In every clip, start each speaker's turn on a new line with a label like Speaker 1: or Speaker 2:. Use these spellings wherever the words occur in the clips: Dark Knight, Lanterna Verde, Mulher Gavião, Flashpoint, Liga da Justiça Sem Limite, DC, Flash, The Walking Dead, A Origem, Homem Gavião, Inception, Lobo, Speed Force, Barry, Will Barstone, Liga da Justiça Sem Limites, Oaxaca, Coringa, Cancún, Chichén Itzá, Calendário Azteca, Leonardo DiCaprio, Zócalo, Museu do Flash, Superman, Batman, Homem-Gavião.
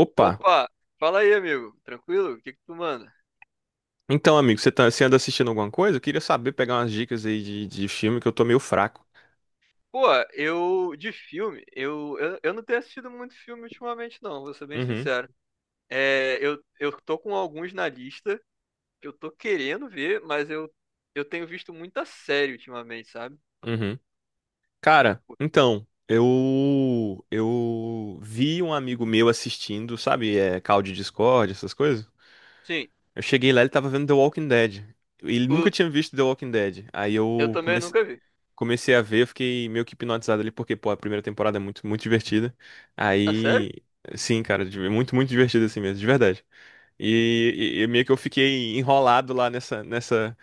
Speaker 1: Opa!
Speaker 2: Opa, fala aí, amigo. Tranquilo? O que que tu manda?
Speaker 1: Então, amigo, você anda assistindo alguma coisa? Eu queria saber, pegar umas dicas aí de filme que eu tô meio fraco.
Speaker 2: Pô, eu de filme, eu não tenho assistido muito filme ultimamente, não, vou ser bem
Speaker 1: Uhum,
Speaker 2: sincero. Eu tô com alguns na lista que eu tô querendo ver, mas eu tenho visto muita série ultimamente, sabe?
Speaker 1: uhum. Cara, então, eu vi um amigo meu assistindo, sabe, call de Discord, essas coisas.
Speaker 2: Sim,
Speaker 1: Eu cheguei lá, ele tava vendo The Walking Dead. Ele nunca
Speaker 2: o,
Speaker 1: tinha visto The Walking Dead. Aí
Speaker 2: eu
Speaker 1: eu
Speaker 2: também
Speaker 1: comecei,
Speaker 2: nunca vi.
Speaker 1: comecei a ver, eu fiquei meio que hipnotizado ali, porque, pô, a primeira temporada é muito, muito divertida.
Speaker 2: Ah sério?
Speaker 1: Aí, sim, cara, é muito, muito divertido assim mesmo, de verdade. E meio que eu fiquei enrolado lá nessa.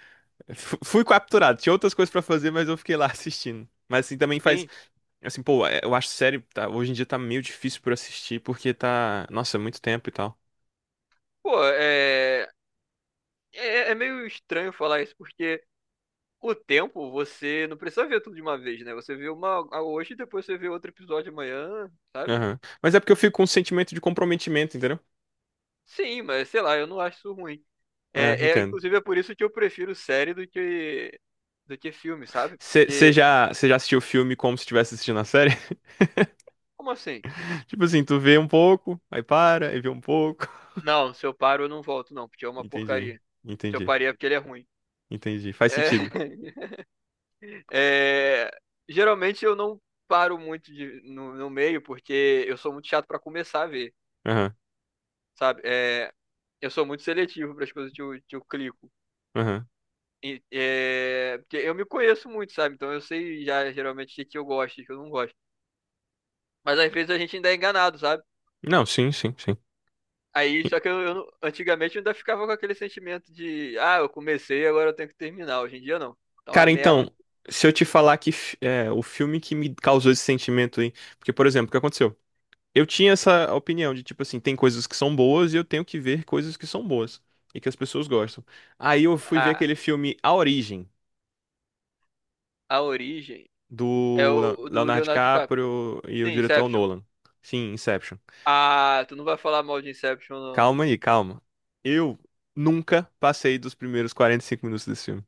Speaker 1: Fui capturado. Tinha outras coisas pra fazer, mas eu fiquei lá assistindo. Mas assim também faz.
Speaker 2: Sim.
Speaker 1: Assim, pô, eu acho série. Tá, hoje em dia tá meio difícil pra assistir, porque tá. Nossa, é muito tempo e tal.
Speaker 2: Pô, é meio estranho falar isso, porque o tempo você não precisa ver tudo de uma vez, né? Você vê uma hoje e depois você vê outro episódio amanhã, sabe?
Speaker 1: Aham. Mas é porque eu fico com um sentimento de comprometimento, entendeu?
Speaker 2: Sim, mas sei lá, eu não acho isso ruim.
Speaker 1: É, entendo.
Speaker 2: Inclusive é por isso que eu prefiro série do que filme, sabe?
Speaker 1: Você
Speaker 2: Porque
Speaker 1: já, cê já assistiu o filme como se estivesse assistindo a série?
Speaker 2: como assim?
Speaker 1: Tipo assim, tu vê um pouco, aí para, aí vê um pouco.
Speaker 2: Não, se eu paro eu não volto não, porque é uma
Speaker 1: Entendi,
Speaker 2: porcaria. Se eu
Speaker 1: entendi,
Speaker 2: parei é porque ele é ruim.
Speaker 1: entendi. Faz
Speaker 2: É,
Speaker 1: sentido.
Speaker 2: é, geralmente eu não paro muito no, no meio porque eu sou muito chato pra começar a ver,
Speaker 1: Aham,
Speaker 2: sabe? É, eu sou muito seletivo para as coisas que eu clico.
Speaker 1: aham.
Speaker 2: E, é, porque eu me conheço muito, sabe? Então eu sei já geralmente o que que eu gosto e o que eu não gosto. Mas às vezes a gente ainda é enganado, sabe?
Speaker 1: Não, sim, sim, sim.
Speaker 2: Aí, só que eu não- antigamente eu ainda ficava com aquele sentimento de, ah, eu comecei, agora eu tenho que terminar. Hoje em dia não. Então a
Speaker 1: Cara,
Speaker 2: merda,
Speaker 1: então, se eu te falar que o filme que me causou esse sentimento aí. Porque, por exemplo, o que aconteceu? Eu tinha essa opinião de, tipo assim, tem coisas que são boas e eu tenho que ver coisas que são boas e que as pessoas gostam. Aí eu fui ver
Speaker 2: a,
Speaker 1: aquele filme A Origem,
Speaker 2: a origem é
Speaker 1: do Le-
Speaker 2: o do
Speaker 1: Leonardo
Speaker 2: Leonardo DiCaprio.
Speaker 1: DiCaprio e o
Speaker 2: Sim,
Speaker 1: diretor é o
Speaker 2: Inception.
Speaker 1: Nolan. Sim, Inception.
Speaker 2: Ah, tu não vai falar mal de Inception, não.
Speaker 1: Calma aí, calma. Eu nunca passei dos primeiros 45 minutos desse filme.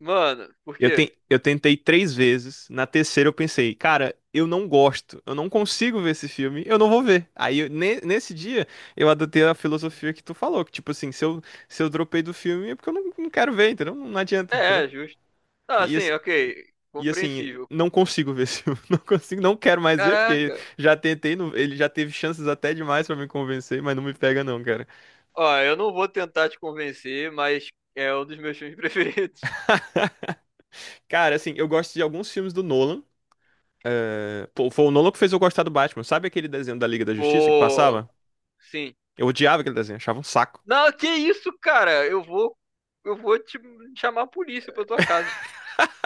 Speaker 2: Mano, por
Speaker 1: Eu,
Speaker 2: quê?
Speaker 1: ten- eu tentei 3 vezes. Na terceira eu pensei, cara, eu não gosto, eu não consigo ver esse filme, eu não vou ver. Aí, nesse dia, eu adotei a filosofia que tu falou, que tipo assim, se eu dropei do filme é porque eu não quero ver, entendeu? Não adianta, entendeu?
Speaker 2: É, é justo. Não,
Speaker 1: E
Speaker 2: assim,
Speaker 1: assim,
Speaker 2: ok,
Speaker 1: e assim,
Speaker 2: compreensível.
Speaker 1: não consigo ver esse filme, não consigo, não quero mais ver, porque
Speaker 2: Caraca,
Speaker 1: já tentei, não- ele já teve chances até demais pra me convencer, mas não me pega não, cara.
Speaker 2: ó, eu não vou tentar te convencer, mas é um dos meus filmes preferidos.
Speaker 1: Cara, assim, eu gosto de alguns filmes do Nolan. É, pô, foi o Nolan que fez eu gostar do Batman. Sabe aquele desenho da Liga da Justiça que
Speaker 2: Pô,
Speaker 1: passava?
Speaker 2: sim.
Speaker 1: Eu odiava aquele desenho, achava um saco.
Speaker 2: Não, que isso, cara? Eu vou te chamar a polícia pra tua casa.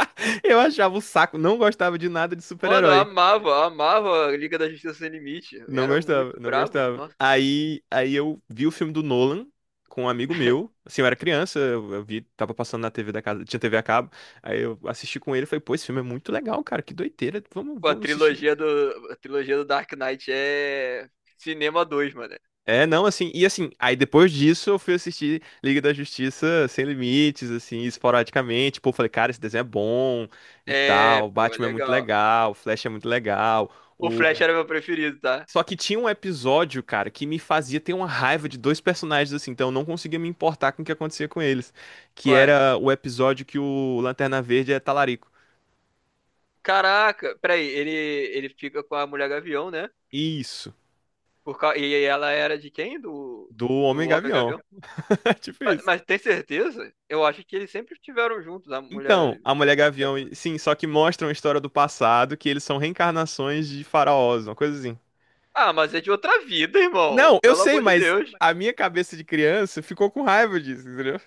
Speaker 1: Eu achava um saco, não gostava de nada de
Speaker 2: Mano,
Speaker 1: super-herói.
Speaker 2: eu amava a Liga da Justiça Sem Limite. Eu
Speaker 1: Não
Speaker 2: era
Speaker 1: gostava,
Speaker 2: muito
Speaker 1: não
Speaker 2: bravo.
Speaker 1: gostava.
Speaker 2: Nossa,
Speaker 1: Aí eu vi o filme do Nolan com um amigo meu. Assim, eu era criança, eu vi, tava passando na TV da casa, tinha TV a cabo. Aí eu assisti com ele e falei, pô, esse filme é muito legal, cara, que doideira, vamos,
Speaker 2: pô,
Speaker 1: vamos assistir.
Speaker 2: a trilogia do Dark Knight é cinema 2 mano.
Speaker 1: É, não, assim, e assim, aí depois disso eu fui assistir Liga da Justiça Sem Limites, assim, esporadicamente. Pô, falei, cara, esse desenho é bom e
Speaker 2: É,
Speaker 1: tal. O
Speaker 2: pô, é
Speaker 1: Batman é muito
Speaker 2: legal.
Speaker 1: legal, o Flash é muito legal.
Speaker 2: O Flash
Speaker 1: O...
Speaker 2: era meu preferido, tá?
Speaker 1: Só que tinha um episódio, cara, que me fazia ter uma raiva de dois personagens, assim, então eu não conseguia me importar com o que acontecia com eles. Que
Speaker 2: Quais?
Speaker 1: era o episódio que o Lanterna Verde é talarico.
Speaker 2: Caraca, peraí, ele fica com a Mulher Gavião, né?
Speaker 1: Isso,
Speaker 2: Por, e ela era de quem? Do,
Speaker 1: do
Speaker 2: do Homem
Speaker 1: Homem-Gavião.
Speaker 2: Gavião?
Speaker 1: Tipo isso.
Speaker 2: Mas tem certeza? Eu acho que eles sempre estiveram juntos, a
Speaker 1: Então,
Speaker 2: Mulher
Speaker 1: a Mulher Gavião,
Speaker 2: Gavião.
Speaker 1: sim, só que mostram a história do passado, que eles são reencarnações de faraós, uma coisa assim.
Speaker 2: Ah, mas é de outra vida, irmão.
Speaker 1: Não, eu
Speaker 2: Pelo
Speaker 1: sei,
Speaker 2: amor de
Speaker 1: mas
Speaker 2: Deus.
Speaker 1: a minha cabeça de criança ficou com raiva disso, entendeu?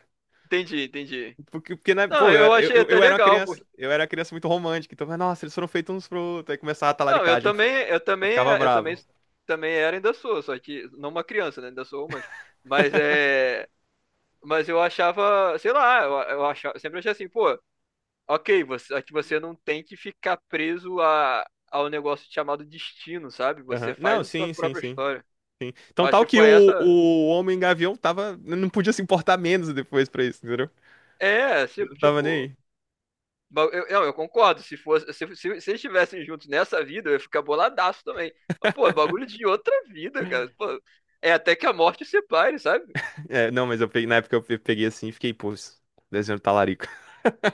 Speaker 2: Entendi, entendi.
Speaker 1: Porque né,
Speaker 2: Não,
Speaker 1: pô, eu
Speaker 2: eu
Speaker 1: era, eu,
Speaker 2: achei
Speaker 1: eu-
Speaker 2: até
Speaker 1: eu era uma
Speaker 2: legal,
Speaker 1: criança,
Speaker 2: porque...
Speaker 1: eu era uma criança muito romântica, então, mas, nossa, eles foram feitos uns pro outro, aí começava a
Speaker 2: Não,
Speaker 1: talaricagem, eu fi- eu ficava
Speaker 2: eu também,
Speaker 1: bravo.
Speaker 2: também era, ainda sou, só que não uma criança, né? Ainda sou, mas é, mas eu achava, sei lá, eu achava, sempre achei assim, pô, ok, você, aqui você não tem que ficar preso ao negócio chamado destino, sabe? Você
Speaker 1: Aham.
Speaker 2: faz
Speaker 1: Não,
Speaker 2: a sua
Speaker 1: sim, sim,
Speaker 2: própria
Speaker 1: sim.
Speaker 2: história. Eu
Speaker 1: Então,
Speaker 2: acho
Speaker 1: tal
Speaker 2: que
Speaker 1: que
Speaker 2: foi essa.
Speaker 1: o Homem Gavião tava, não podia se importar menos depois pra isso, entendeu?
Speaker 2: É,
Speaker 1: Ele não tava nem
Speaker 2: tipo,
Speaker 1: aí.
Speaker 2: eu, não, eu concordo. Se fosse, se eles estivessem juntos nessa vida, eu ia ficar boladaço também. Mas, pô, é bagulho de outra vida, cara. Pô, é até que a morte separe, sabe?
Speaker 1: É, não, mas eu peguei, na época eu peguei assim e fiquei, pô, isso- desenho do talarico.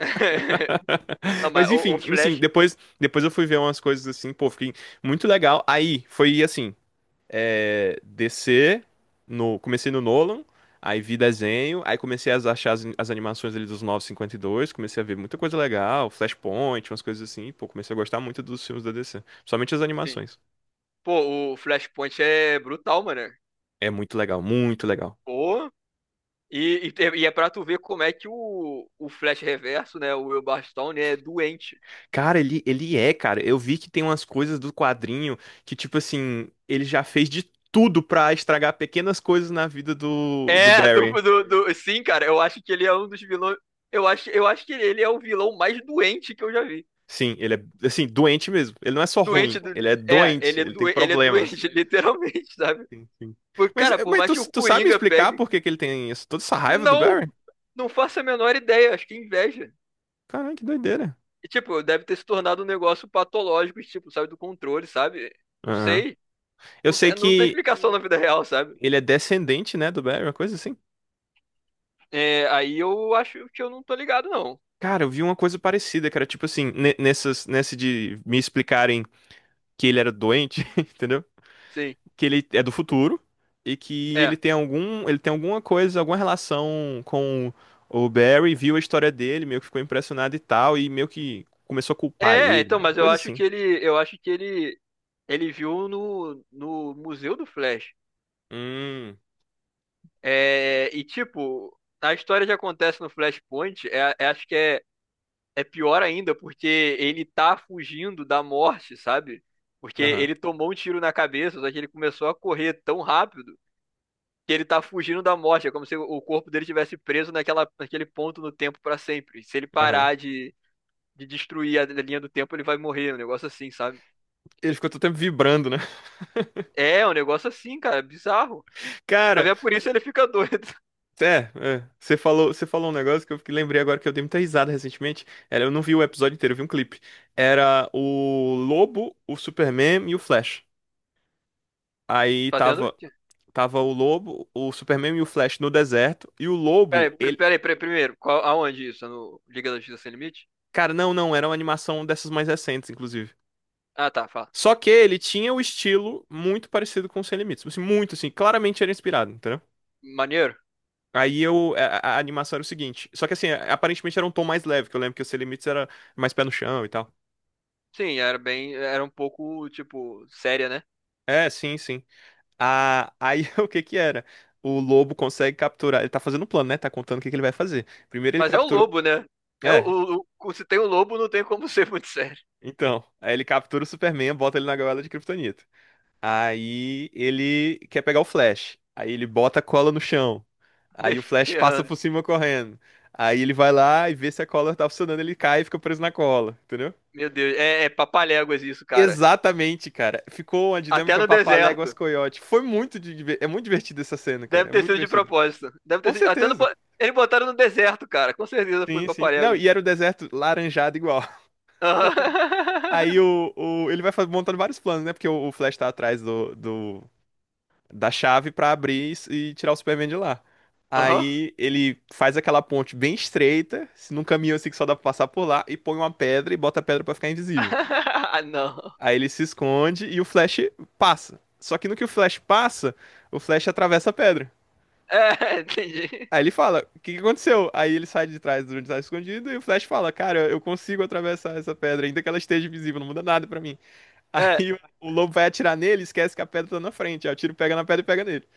Speaker 2: Não, mas
Speaker 1: Mas
Speaker 2: o
Speaker 1: enfim, enfim,
Speaker 2: Flash.
Speaker 1: depois eu fui ver umas coisas assim, pô, fiquei muito legal. Aí foi assim, descer no, comecei no Nolan, aí vi desenho, aí comecei a achar as animações ali dos 952, comecei a ver muita coisa legal, Flashpoint, umas coisas assim, pô, comecei a gostar muito dos filmes da DC, principalmente as
Speaker 2: Sim.
Speaker 1: animações.
Speaker 2: Pô, o Flashpoint é brutal, mano.
Speaker 1: É muito legal, muito legal.
Speaker 2: Pô. E é pra tu ver como é que o Flash Reverso, né? O Will Barstone é doente.
Speaker 1: Cara, ele é, cara. Eu vi que tem umas coisas do quadrinho que, tipo assim, ele já fez de tudo pra estragar pequenas coisas na vida do Barry.
Speaker 2: Sim, cara. Eu acho que ele é um dos vilões. Eu acho que ele é o vilão mais doente que eu já vi.
Speaker 1: Sim, ele é, assim, doente mesmo. Ele não é só
Speaker 2: Doente
Speaker 1: ruim,
Speaker 2: do.
Speaker 1: ele é
Speaker 2: É,
Speaker 1: doente,
Speaker 2: ele é,
Speaker 1: ele tem
Speaker 2: do... ele é
Speaker 1: problemas.
Speaker 2: doente, literalmente, sabe?
Speaker 1: Sim, sim. Mas,
Speaker 2: Cara, por
Speaker 1: mas
Speaker 2: mais
Speaker 1: tu,
Speaker 2: que o
Speaker 1: tu sabe me
Speaker 2: Coringa
Speaker 1: explicar
Speaker 2: pegue.
Speaker 1: por que que ele tem isso- toda essa raiva do
Speaker 2: Não!
Speaker 1: Barry?
Speaker 2: Não faço a menor ideia, acho que é inveja.
Speaker 1: Caralho, que doideira.
Speaker 2: E, tipo, deve ter se tornado um negócio patológico, tipo, sabe, do controle, sabe? Não
Speaker 1: Aham.
Speaker 2: sei.
Speaker 1: Eu sei
Speaker 2: Não tem
Speaker 1: que
Speaker 2: explicação na vida real, sabe?
Speaker 1: ele é descendente, né, do Barry, uma coisa assim.
Speaker 2: É, aí eu acho que eu não tô ligado, não.
Speaker 1: Cara, eu vi uma coisa parecida, cara. Tipo assim, nesse de me explicarem que ele era doente, entendeu?
Speaker 2: Sim.
Speaker 1: Que ele é do futuro e que ele
Speaker 2: É.
Speaker 1: tem alguma coisa, alguma relação com o Barry, viu a história dele, meio que ficou impressionado e tal, e meio que começou a culpar
Speaker 2: É,
Speaker 1: ele,
Speaker 2: então,
Speaker 1: uma
Speaker 2: mas eu
Speaker 1: coisa
Speaker 2: acho
Speaker 1: assim.
Speaker 2: que ele. Eu acho que ele. Ele viu no, no Museu do Flash.
Speaker 1: Hum,
Speaker 2: É, e tipo, a história que acontece no Flashpoint, acho que é, é pior ainda, porque ele tá fugindo da morte, sabe? Porque
Speaker 1: aham,
Speaker 2: ele tomou um tiro na cabeça, só que ele começou a correr tão rápido que ele tá fugindo da morte. É como se o corpo dele tivesse preso naquela, naquele ponto no tempo pra sempre. Se ele
Speaker 1: aham.
Speaker 2: parar de destruir a linha do tempo, ele vai morrer. Um negócio assim, sabe?
Speaker 1: Ele ficou todo tempo vibrando, né?
Speaker 2: É, um negócio assim, cara, bizarro. Mas
Speaker 1: Cara,
Speaker 2: é por isso ele fica doido,
Speaker 1: é, você falou, um negócio que eu lembrei agora que eu dei muita risada recentemente. Era, eu não vi o episódio inteiro, eu vi um clipe. Era o Lobo, o Superman e o Flash. Aí
Speaker 2: fazendo.
Speaker 1: tava Tava o Lobo, o Superman e o Flash no deserto. E o
Speaker 2: Peraí,
Speaker 1: Lobo, ele.
Speaker 2: primeiro, aonde isso? No Liga da Justiça Sem Limite?
Speaker 1: Cara, não, não, era uma animação dessas mais recentes, inclusive.
Speaker 2: Ah, tá, fala.
Speaker 1: Só que ele tinha o estilo muito parecido com o Sem Limites. Tipo assim, muito, assim, claramente era inspirado, entendeu?
Speaker 2: Maneiro?
Speaker 1: Aí eu. A animação era o seguinte. Só que assim, aparentemente era um tom mais leve, que eu lembro que o Sem Limites era mais pé no chão e tal.
Speaker 2: Sim, era bem, era um pouco, tipo, séria, né?
Speaker 1: É, sim, sim. Ah, aí o que que era? O lobo consegue capturar. Ele tá fazendo um plano, né? Tá contando o que que ele vai fazer. Primeiro ele
Speaker 2: Mas é o
Speaker 1: captura.
Speaker 2: lobo, né? É
Speaker 1: É,
Speaker 2: se tem o lobo, não tem como ser muito sério.
Speaker 1: então. Aí ele captura o Superman, bota ele na gaiola de Kryptonita. Aí ele quer pegar o Flash. Aí ele bota a cola no chão.
Speaker 2: Nem
Speaker 1: Aí o Flash passa
Speaker 2: ferrando.
Speaker 1: por cima correndo. Aí ele vai lá e vê se a cola tá funcionando, ele cai e fica preso na cola, entendeu?
Speaker 2: Meu Deus, é papaléguas isso, cara.
Speaker 1: Exatamente, cara. Ficou uma
Speaker 2: Até
Speaker 1: dinâmica
Speaker 2: no
Speaker 1: papaléguas
Speaker 2: deserto.
Speaker 1: coyote. Foi muito é muito divertido essa cena, cara.
Speaker 2: Deve
Speaker 1: É
Speaker 2: ter
Speaker 1: muito
Speaker 2: sido de
Speaker 1: divertido.
Speaker 2: propósito. Deve ter
Speaker 1: Com
Speaker 2: sido, até
Speaker 1: certeza.
Speaker 2: eles botaram no deserto, cara. Com certeza foi
Speaker 1: Sim, sim. Não,
Speaker 2: papaléguas.
Speaker 1: e era o deserto laranjado igual. Aí
Speaker 2: Aham.
Speaker 1: o ele vai montando vários planos, né? Porque o Flash tá atrás do, do da chave pra abrir e tirar o Superman de lá.
Speaker 2: Aham.
Speaker 1: Aí ele faz aquela ponte bem estreita, num caminho assim que só dá pra passar por lá, e põe uma pedra e bota a pedra pra ficar invisível.
Speaker 2: Ah, não.
Speaker 1: Aí ele se esconde e o Flash passa. Só que no que o Flash passa, o Flash atravessa a pedra.
Speaker 2: É, entendi.
Speaker 1: Aí ele fala, o que que aconteceu? Aí ele sai de trás do onde tá escondido e o Flash fala, cara, eu consigo atravessar essa pedra, ainda que ela esteja invisível, não muda nada pra mim.
Speaker 2: É,
Speaker 1: Aí o lobo vai atirar nele, e esquece que a pedra tá na frente. Aí o tiro pega na pedra e pega nele.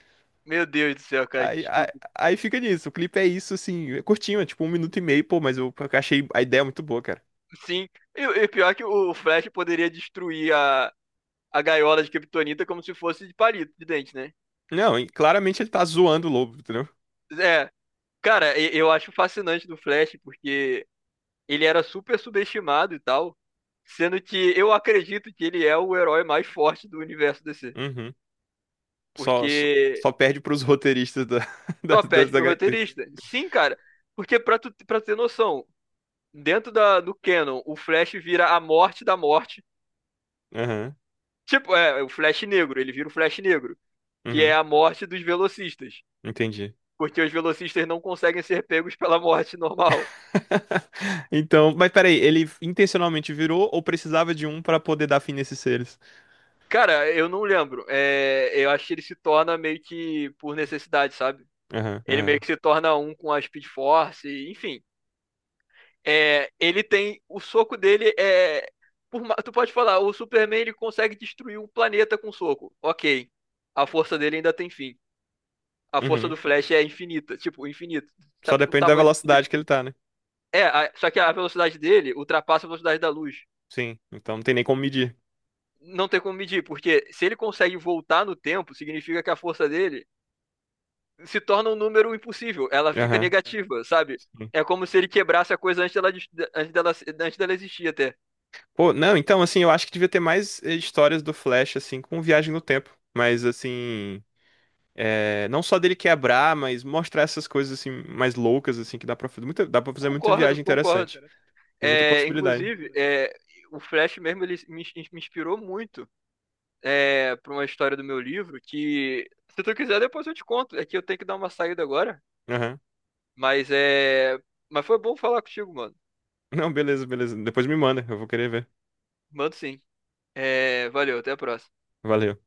Speaker 2: Meu Deus do céu, cara, que
Speaker 1: Aí, aí,
Speaker 2: estúpido.
Speaker 1: aí fica nisso. O clipe é isso, assim, é curtinho, é tipo 1 minuto e meio, pô, mas eu achei a ideia muito boa, cara.
Speaker 2: Sim, e pior que o Flash poderia destruir a gaiola de Kryptonita como se fosse de palito, de dente, né?
Speaker 1: Não, e claramente ele tá zoando o lobo, entendeu?
Speaker 2: É, cara, eu acho fascinante do Flash, porque ele era super subestimado e tal, sendo que eu acredito que ele é o herói mais forte do universo DC,
Speaker 1: Uhum. Só, só,
Speaker 2: porque
Speaker 1: só perde pros roteiristas da, das,
Speaker 2: só pede
Speaker 1: das
Speaker 2: pro
Speaker 1: HQs.
Speaker 2: roteirista. Sim, cara, porque pra tu, pra ter noção, dentro da, do canon, o Flash vira a morte da morte.
Speaker 1: Aham,
Speaker 2: Tipo, é, o Flash negro, ele vira o Flash negro, que é
Speaker 1: uhum,
Speaker 2: a morte dos velocistas.
Speaker 1: entendi.
Speaker 2: Porque os velocistas não conseguem ser pegos pela morte normal.
Speaker 1: Então, mas peraí, ele intencionalmente virou ou precisava de um pra poder dar fim nesses seres?
Speaker 2: Cara, eu não lembro. É, eu acho que ele se torna meio que por necessidade, sabe?
Speaker 1: Aham,
Speaker 2: Ele meio
Speaker 1: aham.
Speaker 2: que se torna um com a Speed Force, e, enfim. É, ele tem. O soco dele é. Por tu pode falar, o Superman ele consegue destruir um planeta com soco. Ok. A força dele ainda tem fim. A força
Speaker 1: Uhum.
Speaker 2: do Flash é infinita, tipo, infinito.
Speaker 1: Só
Speaker 2: Sabe o
Speaker 1: depende da
Speaker 2: tamanho do
Speaker 1: velocidade
Speaker 2: infinito?
Speaker 1: que ele tá, né?
Speaker 2: É, só que a velocidade dele ultrapassa a velocidade da luz.
Speaker 1: Sim, então não tem nem como medir.
Speaker 2: Não tem como medir, porque se ele consegue voltar no tempo, significa que a força dele se torna um número impossível, ela fica
Speaker 1: Aham.
Speaker 2: negativa, sabe? É como se ele quebrasse a coisa antes dela, antes dela, antes dela existir até.
Speaker 1: Pô, não, então, assim, eu acho que devia ter mais histórias do Flash, assim, com viagem no tempo. Mas, assim, não só dele quebrar, mas mostrar essas coisas, assim, mais loucas, assim, que dá pra fazer muita
Speaker 2: Concordo,
Speaker 1: viagem
Speaker 2: concordo.
Speaker 1: interessante. Tem muita
Speaker 2: É,
Speaker 1: possibilidade.
Speaker 2: inclusive, é, o Flash mesmo ele me, me inspirou muito, é, para uma história do meu livro que, se tu quiser, depois eu te conto. É que eu tenho que dar uma saída agora,
Speaker 1: Aham.
Speaker 2: mas é, mas foi bom falar contigo, mano.
Speaker 1: Não, beleza, beleza. Depois me manda, eu vou querer ver.
Speaker 2: Mando sim. É, valeu, até a próxima.
Speaker 1: Valeu.